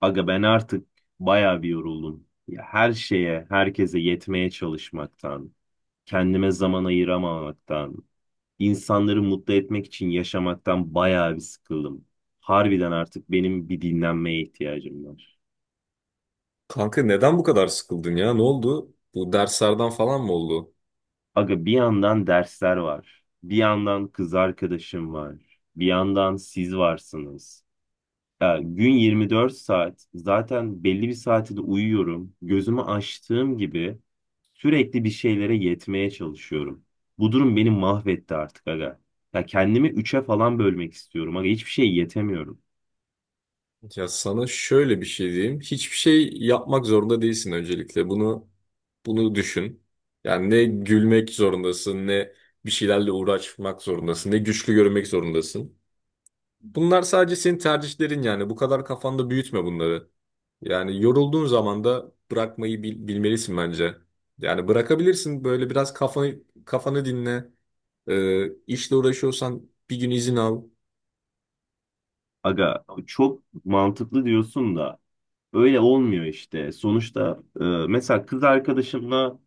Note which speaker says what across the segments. Speaker 1: Aga ben artık bayağı bir yoruldum. Ya her şeye, herkese yetmeye çalışmaktan, kendime zaman ayıramamaktan, insanları mutlu etmek için yaşamaktan bayağı bir sıkıldım. Harbiden artık benim bir dinlenmeye ihtiyacım var.
Speaker 2: Kanka neden bu kadar sıkıldın ya? Ne oldu? Bu derslerden falan mı oldu?
Speaker 1: Aga bir yandan dersler var, bir yandan kız arkadaşım var, bir yandan siz varsınız. Ya gün 24 saat zaten belli bir saati de uyuyorum. Gözümü açtığım gibi sürekli bir şeylere yetmeye çalışıyorum. Bu durum beni mahvetti artık aga. Ya kendimi üçe falan bölmek istiyorum aga. Hiçbir şey yetemiyorum.
Speaker 2: Ya sana şöyle bir şey diyeyim. Hiçbir şey yapmak zorunda değilsin öncelikle. Bunu düşün. Yani ne gülmek zorundasın, ne bir şeylerle uğraşmak zorundasın, ne güçlü görünmek zorundasın. Bunlar sadece senin tercihlerin yani. Bu kadar kafanda büyütme bunları. Yani yorulduğun zaman da bırakmayı bilmelisin bence. Yani bırakabilirsin böyle biraz kafanı dinle. İşle uğraşıyorsan bir gün izin al.
Speaker 1: Aga çok mantıklı diyorsun da öyle olmuyor işte. Sonuçta mesela kız arkadaşımla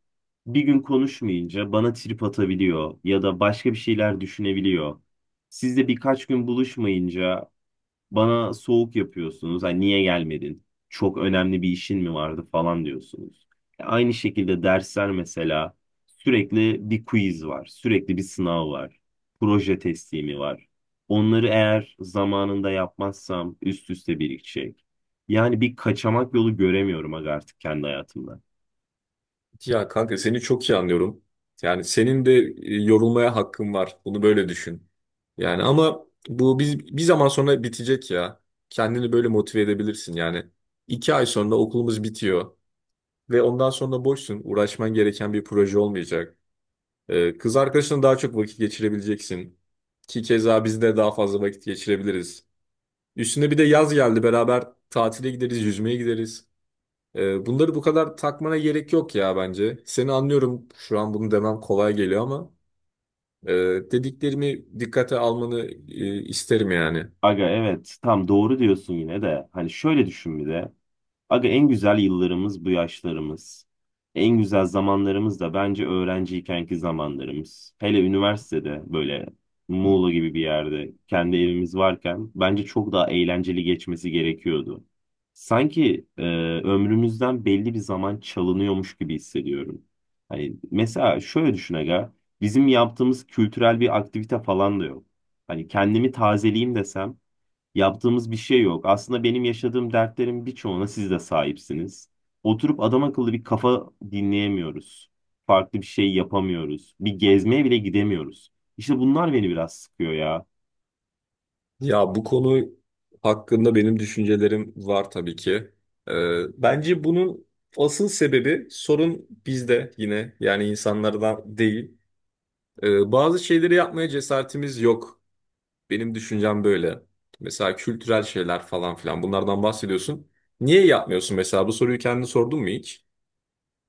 Speaker 1: bir gün konuşmayınca bana trip atabiliyor ya da başka bir şeyler düşünebiliyor. Sizle birkaç gün buluşmayınca bana soğuk yapıyorsunuz. Hani niye gelmedin? Çok önemli bir işin mi vardı falan diyorsunuz. Aynı şekilde dersler mesela sürekli bir quiz var. Sürekli bir sınav var. Proje teslimi var. Onları eğer zamanında yapmazsam üst üste birikecek. Yani bir kaçamak yolu göremiyorum aga artık kendi hayatımda.
Speaker 2: Ya kanka seni çok iyi anlıyorum. Yani senin de yorulmaya hakkın var. Bunu böyle düşün. Yani ama bu bir zaman sonra bitecek ya. Kendini böyle motive edebilirsin yani. İki ay sonra okulumuz bitiyor. Ve ondan sonra boşsun. Uğraşman gereken bir proje olmayacak. Kız arkadaşına daha çok vakit geçirebileceksin. Ki keza biz de daha fazla vakit geçirebiliriz. Üstüne bir de yaz geldi. Beraber tatile gideriz, yüzmeye gideriz. Bunları bu kadar takmana gerek yok ya bence. Seni anlıyorum. Şu an bunu demem kolay geliyor ama e, dediklerimi dikkate almanı isterim yani.
Speaker 1: Aga evet tam doğru diyorsun yine de. Hani şöyle düşün bir de. Aga en güzel yıllarımız bu yaşlarımız. En güzel zamanlarımız da bence öğrenciykenki zamanlarımız. Hele üniversitede böyle Muğla gibi bir yerde kendi evimiz varken bence çok daha eğlenceli geçmesi gerekiyordu. Sanki ömrümüzden belli bir zaman çalınıyormuş gibi hissediyorum. Hani mesela şöyle düşün aga, bizim yaptığımız kültürel bir aktivite falan da yok. Hani kendimi tazeleyeyim desem yaptığımız bir şey yok. Aslında benim yaşadığım dertlerin birçoğuna siz de sahipsiniz. Oturup adam akıllı bir kafa dinleyemiyoruz. Farklı bir şey yapamıyoruz. Bir gezmeye bile gidemiyoruz. İşte bunlar beni biraz sıkıyor ya.
Speaker 2: Ya bu konu hakkında benim düşüncelerim var tabii ki. Bence bunun asıl sebebi sorun bizde yine yani insanlardan değil. Bazı şeyleri yapmaya cesaretimiz yok. Benim düşüncem böyle. Mesela kültürel şeyler falan filan bunlardan bahsediyorsun. Niye yapmıyorsun mesela? Bu soruyu kendine sordun mu hiç?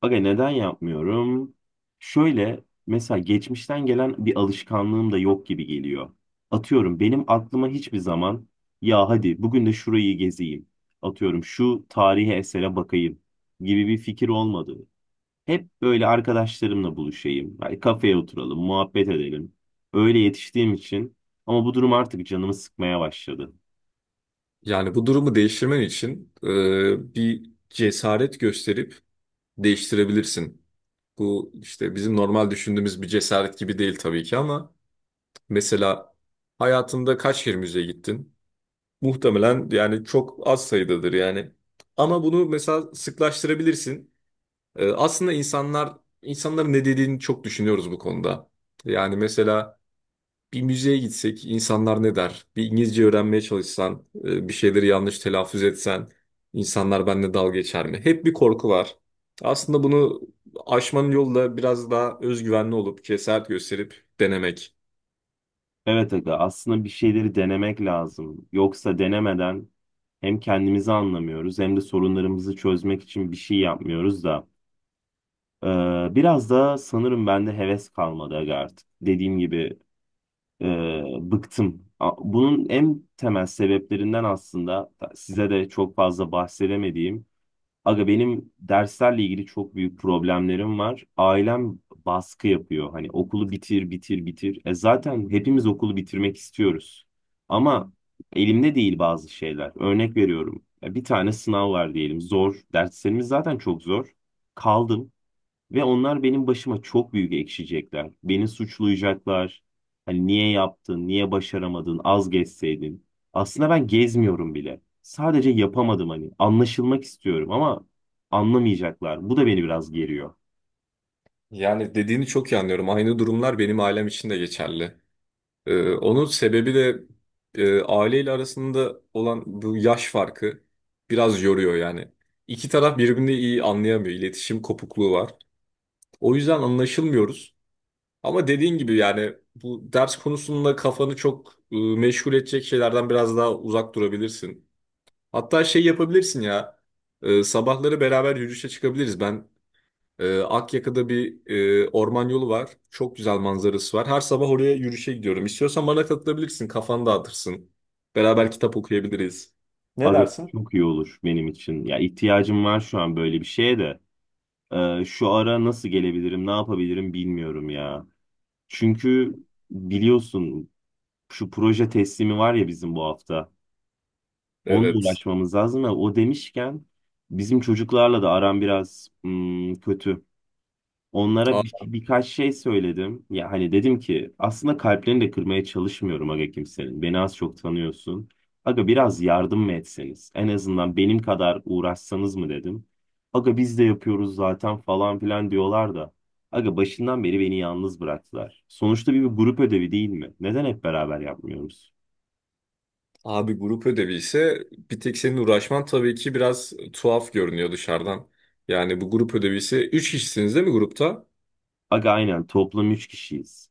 Speaker 1: Aga neden yapmıyorum? Şöyle mesela geçmişten gelen bir alışkanlığım da yok gibi geliyor. Atıyorum benim aklıma hiçbir zaman ya hadi bugün de şurayı gezeyim, atıyorum şu tarihi esere bakayım gibi bir fikir olmadı. Hep böyle arkadaşlarımla buluşayım. Hani kafeye oturalım, muhabbet edelim. Öyle yetiştiğim için, ama bu durum artık canımı sıkmaya başladı.
Speaker 2: Yani bu durumu değiştirmen için bir cesaret gösterip değiştirebilirsin. Bu işte bizim normal düşündüğümüz bir cesaret gibi değil tabii ki ama mesela hayatında kaç kere müzeye gittin? Muhtemelen yani çok az sayıdadır yani. Ama bunu mesela sıklaştırabilirsin. Aslında insanların ne dediğini çok düşünüyoruz bu konuda. Yani mesela bir müzeye gitsek insanlar ne der? Bir İngilizce öğrenmeye çalışsan, bir şeyleri yanlış telaffuz etsen insanlar benimle dalga geçer mi? Hep bir korku var. Aslında bunu aşmanın yolu da biraz daha özgüvenli olup cesaret gösterip denemek.
Speaker 1: Evet aga aslında bir şeyleri denemek lazım. Yoksa denemeden hem kendimizi anlamıyoruz hem de sorunlarımızı çözmek için bir şey yapmıyoruz da. Ee, Biraz da sanırım bende heves kalmadı aga artık. Dediğim gibi e, bıktım. Bunun en temel sebeplerinden aslında size de çok fazla bahsedemediğim, aga benim derslerle ilgili çok büyük problemlerim var. Ailem baskı yapıyor. Hani okulu bitir, bitir, bitir. E zaten hepimiz okulu bitirmek istiyoruz. Ama elimde değil bazı şeyler. Örnek veriyorum. Ya bir tane sınav var diyelim. Zor. Derslerimiz zaten çok zor. Kaldım. Ve onlar benim başıma çok büyük ekşiyecekler. Beni suçlayacaklar. Hani niye yaptın, niye başaramadın, az gezseydin. Aslında ben gezmiyorum bile. Sadece yapamadım hani. Anlaşılmak istiyorum ama anlamayacaklar. Bu da beni biraz geriyor.
Speaker 2: Yani dediğini çok iyi anlıyorum. Aynı durumlar benim ailem için de geçerli. Onun sebebi de aileyle arasında olan bu yaş farkı biraz yoruyor yani. İki taraf birbirini iyi anlayamıyor. İletişim kopukluğu var. O yüzden anlaşılmıyoruz. Ama dediğin gibi yani bu ders konusunda kafanı çok meşgul edecek şeylerden biraz daha uzak durabilirsin. Hatta şey yapabilirsin ya. Sabahları beraber yürüyüşe çıkabiliriz. Ben Akyaka'da bir orman yolu var. Çok güzel manzarası var. Her sabah oraya yürüyüşe gidiyorum. İstiyorsan bana katılabilirsin. Kafanı dağıtırsın. Beraber kitap okuyabiliriz. Ne
Speaker 1: Aga
Speaker 2: dersin?
Speaker 1: çok iyi olur benim için. Ya ihtiyacım var şu an böyle bir şeye de. Şu ara nasıl gelebilirim, ne yapabilirim bilmiyorum ya. Çünkü biliyorsun şu proje teslimi var ya bizim bu hafta. Onunla
Speaker 2: Evet.
Speaker 1: uğraşmamız lazım ama o demişken bizim çocuklarla da aram biraz kötü. Onlara birkaç şey söyledim. Ya hani dedim ki aslında kalplerini de kırmaya çalışmıyorum aga kimsenin. Beni az çok tanıyorsun. Aga biraz yardım mı etseniz? En azından benim kadar uğraşsanız mı dedim. Aga biz de yapıyoruz zaten falan filan diyorlar da. Aga başından beri beni yalnız bıraktılar. Sonuçta bir grup ödevi değil mi? Neden hep beraber yapmıyoruz?
Speaker 2: Abi grup ödevi ise bir tek senin uğraşman tabii ki biraz tuhaf görünüyor dışarıdan. Yani bu grup ödevi ise 3 kişisiniz değil mi grupta?
Speaker 1: Aga aynen toplam 3 kişiyiz.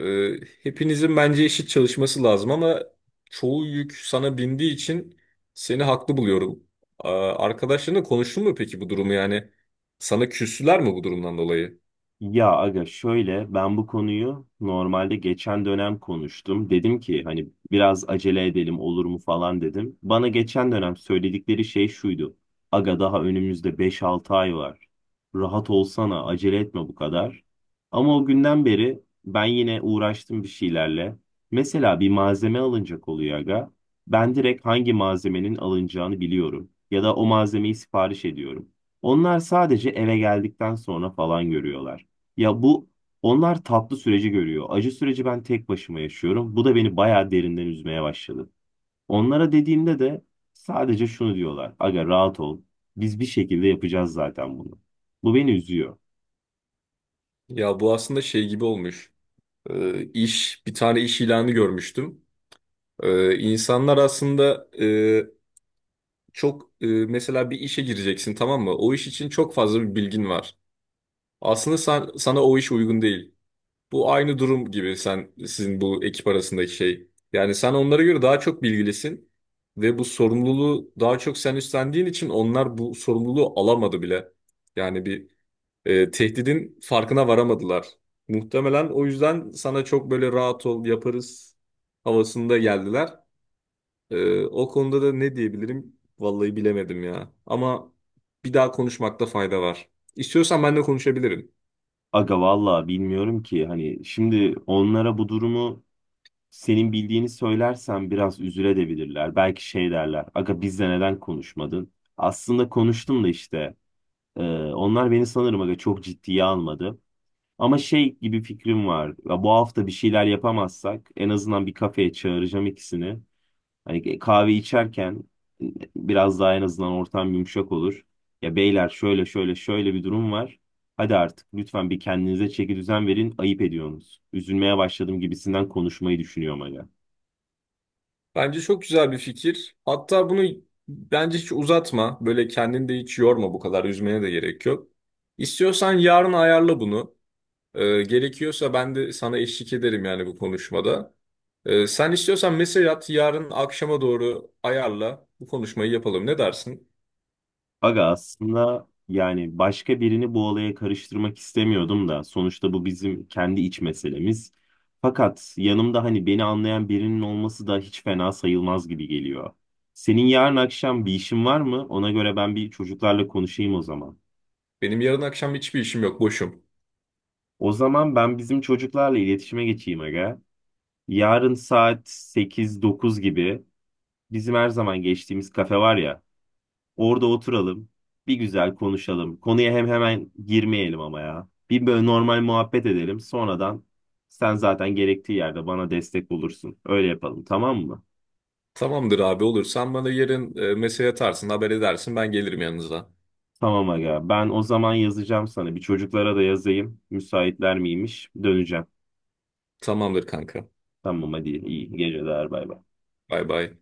Speaker 2: Ee, Hepinizin bence eşit çalışması lazım ama çoğu yük sana bindiği için seni haklı buluyorum. Arkadaşlarınla konuştun mu peki bu durumu yani? Sana küstüler mi bu durumdan dolayı?
Speaker 1: Ya aga şöyle ben bu konuyu normalde geçen dönem konuştum. Dedim ki hani biraz acele edelim olur mu falan dedim. Bana geçen dönem söyledikleri şey şuydu. Aga daha önümüzde 5-6 ay var. Rahat olsana acele etme bu kadar. Ama o günden beri ben yine uğraştım bir şeylerle. Mesela bir malzeme alınacak oluyor aga. Ben direkt hangi malzemenin alınacağını biliyorum. Ya da o malzemeyi sipariş ediyorum. Onlar sadece eve geldikten sonra falan görüyorlar. Ya bu, onlar tatlı süreci görüyor. Acı süreci ben tek başıma yaşıyorum. Bu da beni bayağı derinden üzmeye başladı. Onlara dediğimde de sadece şunu diyorlar. Aga rahat ol. Biz bir şekilde yapacağız zaten bunu. Bu beni üzüyor.
Speaker 2: Ya bu aslında şey gibi olmuş. Bir tane iş ilanı görmüştüm. İnsanlar aslında çok mesela bir işe gireceksin tamam mı? O iş için çok fazla bir bilgin var. Aslında sana o iş uygun değil. Bu aynı durum gibi sen sizin bu ekip arasındaki şey. Yani sen onlara göre daha çok bilgilisin ve bu sorumluluğu daha çok sen üstlendiğin için onlar bu sorumluluğu alamadı bile. Yani tehdidin farkına varamadılar. Muhtemelen o yüzden sana çok böyle rahat ol yaparız havasında geldiler. O konuda da ne diyebilirim? Vallahi bilemedim ya. Ama bir daha konuşmakta fayda var. İstiyorsan ben de konuşabilirim.
Speaker 1: Aga vallahi bilmiyorum ki hani şimdi onlara bu durumu senin bildiğini söylersen biraz üzülebilirler. Belki şey derler. Aga bizle neden konuşmadın? Aslında konuştum da işte. e, Onlar beni sanırım aga çok ciddiye almadı. Ama şey gibi fikrim var. Ya bu hafta bir şeyler yapamazsak en azından bir kafeye çağıracağım ikisini. Hani kahve içerken e, biraz daha en azından ortam yumuşak olur. Ya beyler şöyle şöyle şöyle bir durum var. Hadi artık lütfen bir kendinize çeki düzen verin. Ayıp ediyorsunuz. Üzülmeye başladım gibisinden konuşmayı düşünüyorum hala.
Speaker 2: Bence çok güzel bir fikir. Hatta bunu bence hiç uzatma. Böyle kendini de hiç yorma bu kadar. Üzmene de gerek yok. İstiyorsan yarın ayarla bunu. Gerekiyorsa ben de sana eşlik ederim yani bu konuşmada. Sen istiyorsan mesaj at. Yarın akşama doğru ayarla. Bu konuşmayı yapalım. Ne dersin?
Speaker 1: Aga aslında yani başka birini bu olaya karıştırmak istemiyordum da sonuçta bu bizim kendi iç meselemiz. Fakat yanımda hani beni anlayan birinin olması da hiç fena sayılmaz gibi geliyor. Senin yarın akşam bir işin var mı? Ona göre ben bir çocuklarla konuşayım o zaman.
Speaker 2: Benim yarın akşam hiçbir işim yok. Boşum.
Speaker 1: O zaman ben bizim çocuklarla iletişime geçeyim aga. Yarın saat 8-9 gibi bizim her zaman geçtiğimiz kafe var ya. Orada oturalım. Bir güzel konuşalım. Konuya hem hemen girmeyelim ama ya. Bir böyle normal muhabbet edelim. Sonradan sen zaten gerektiği yerde bana destek olursun. Öyle yapalım tamam mı?
Speaker 2: Tamamdır abi olur. Sen bana yarın mesaj atarsın, haber edersin. Ben gelirim yanınıza.
Speaker 1: Tamam aga. Ben o zaman yazacağım sana. Bir çocuklara da yazayım. Müsaitler miymiş? Döneceğim.
Speaker 2: Tamamdır kanka.
Speaker 1: Tamam hadi iyi geceler, bay bay.
Speaker 2: Bay bay.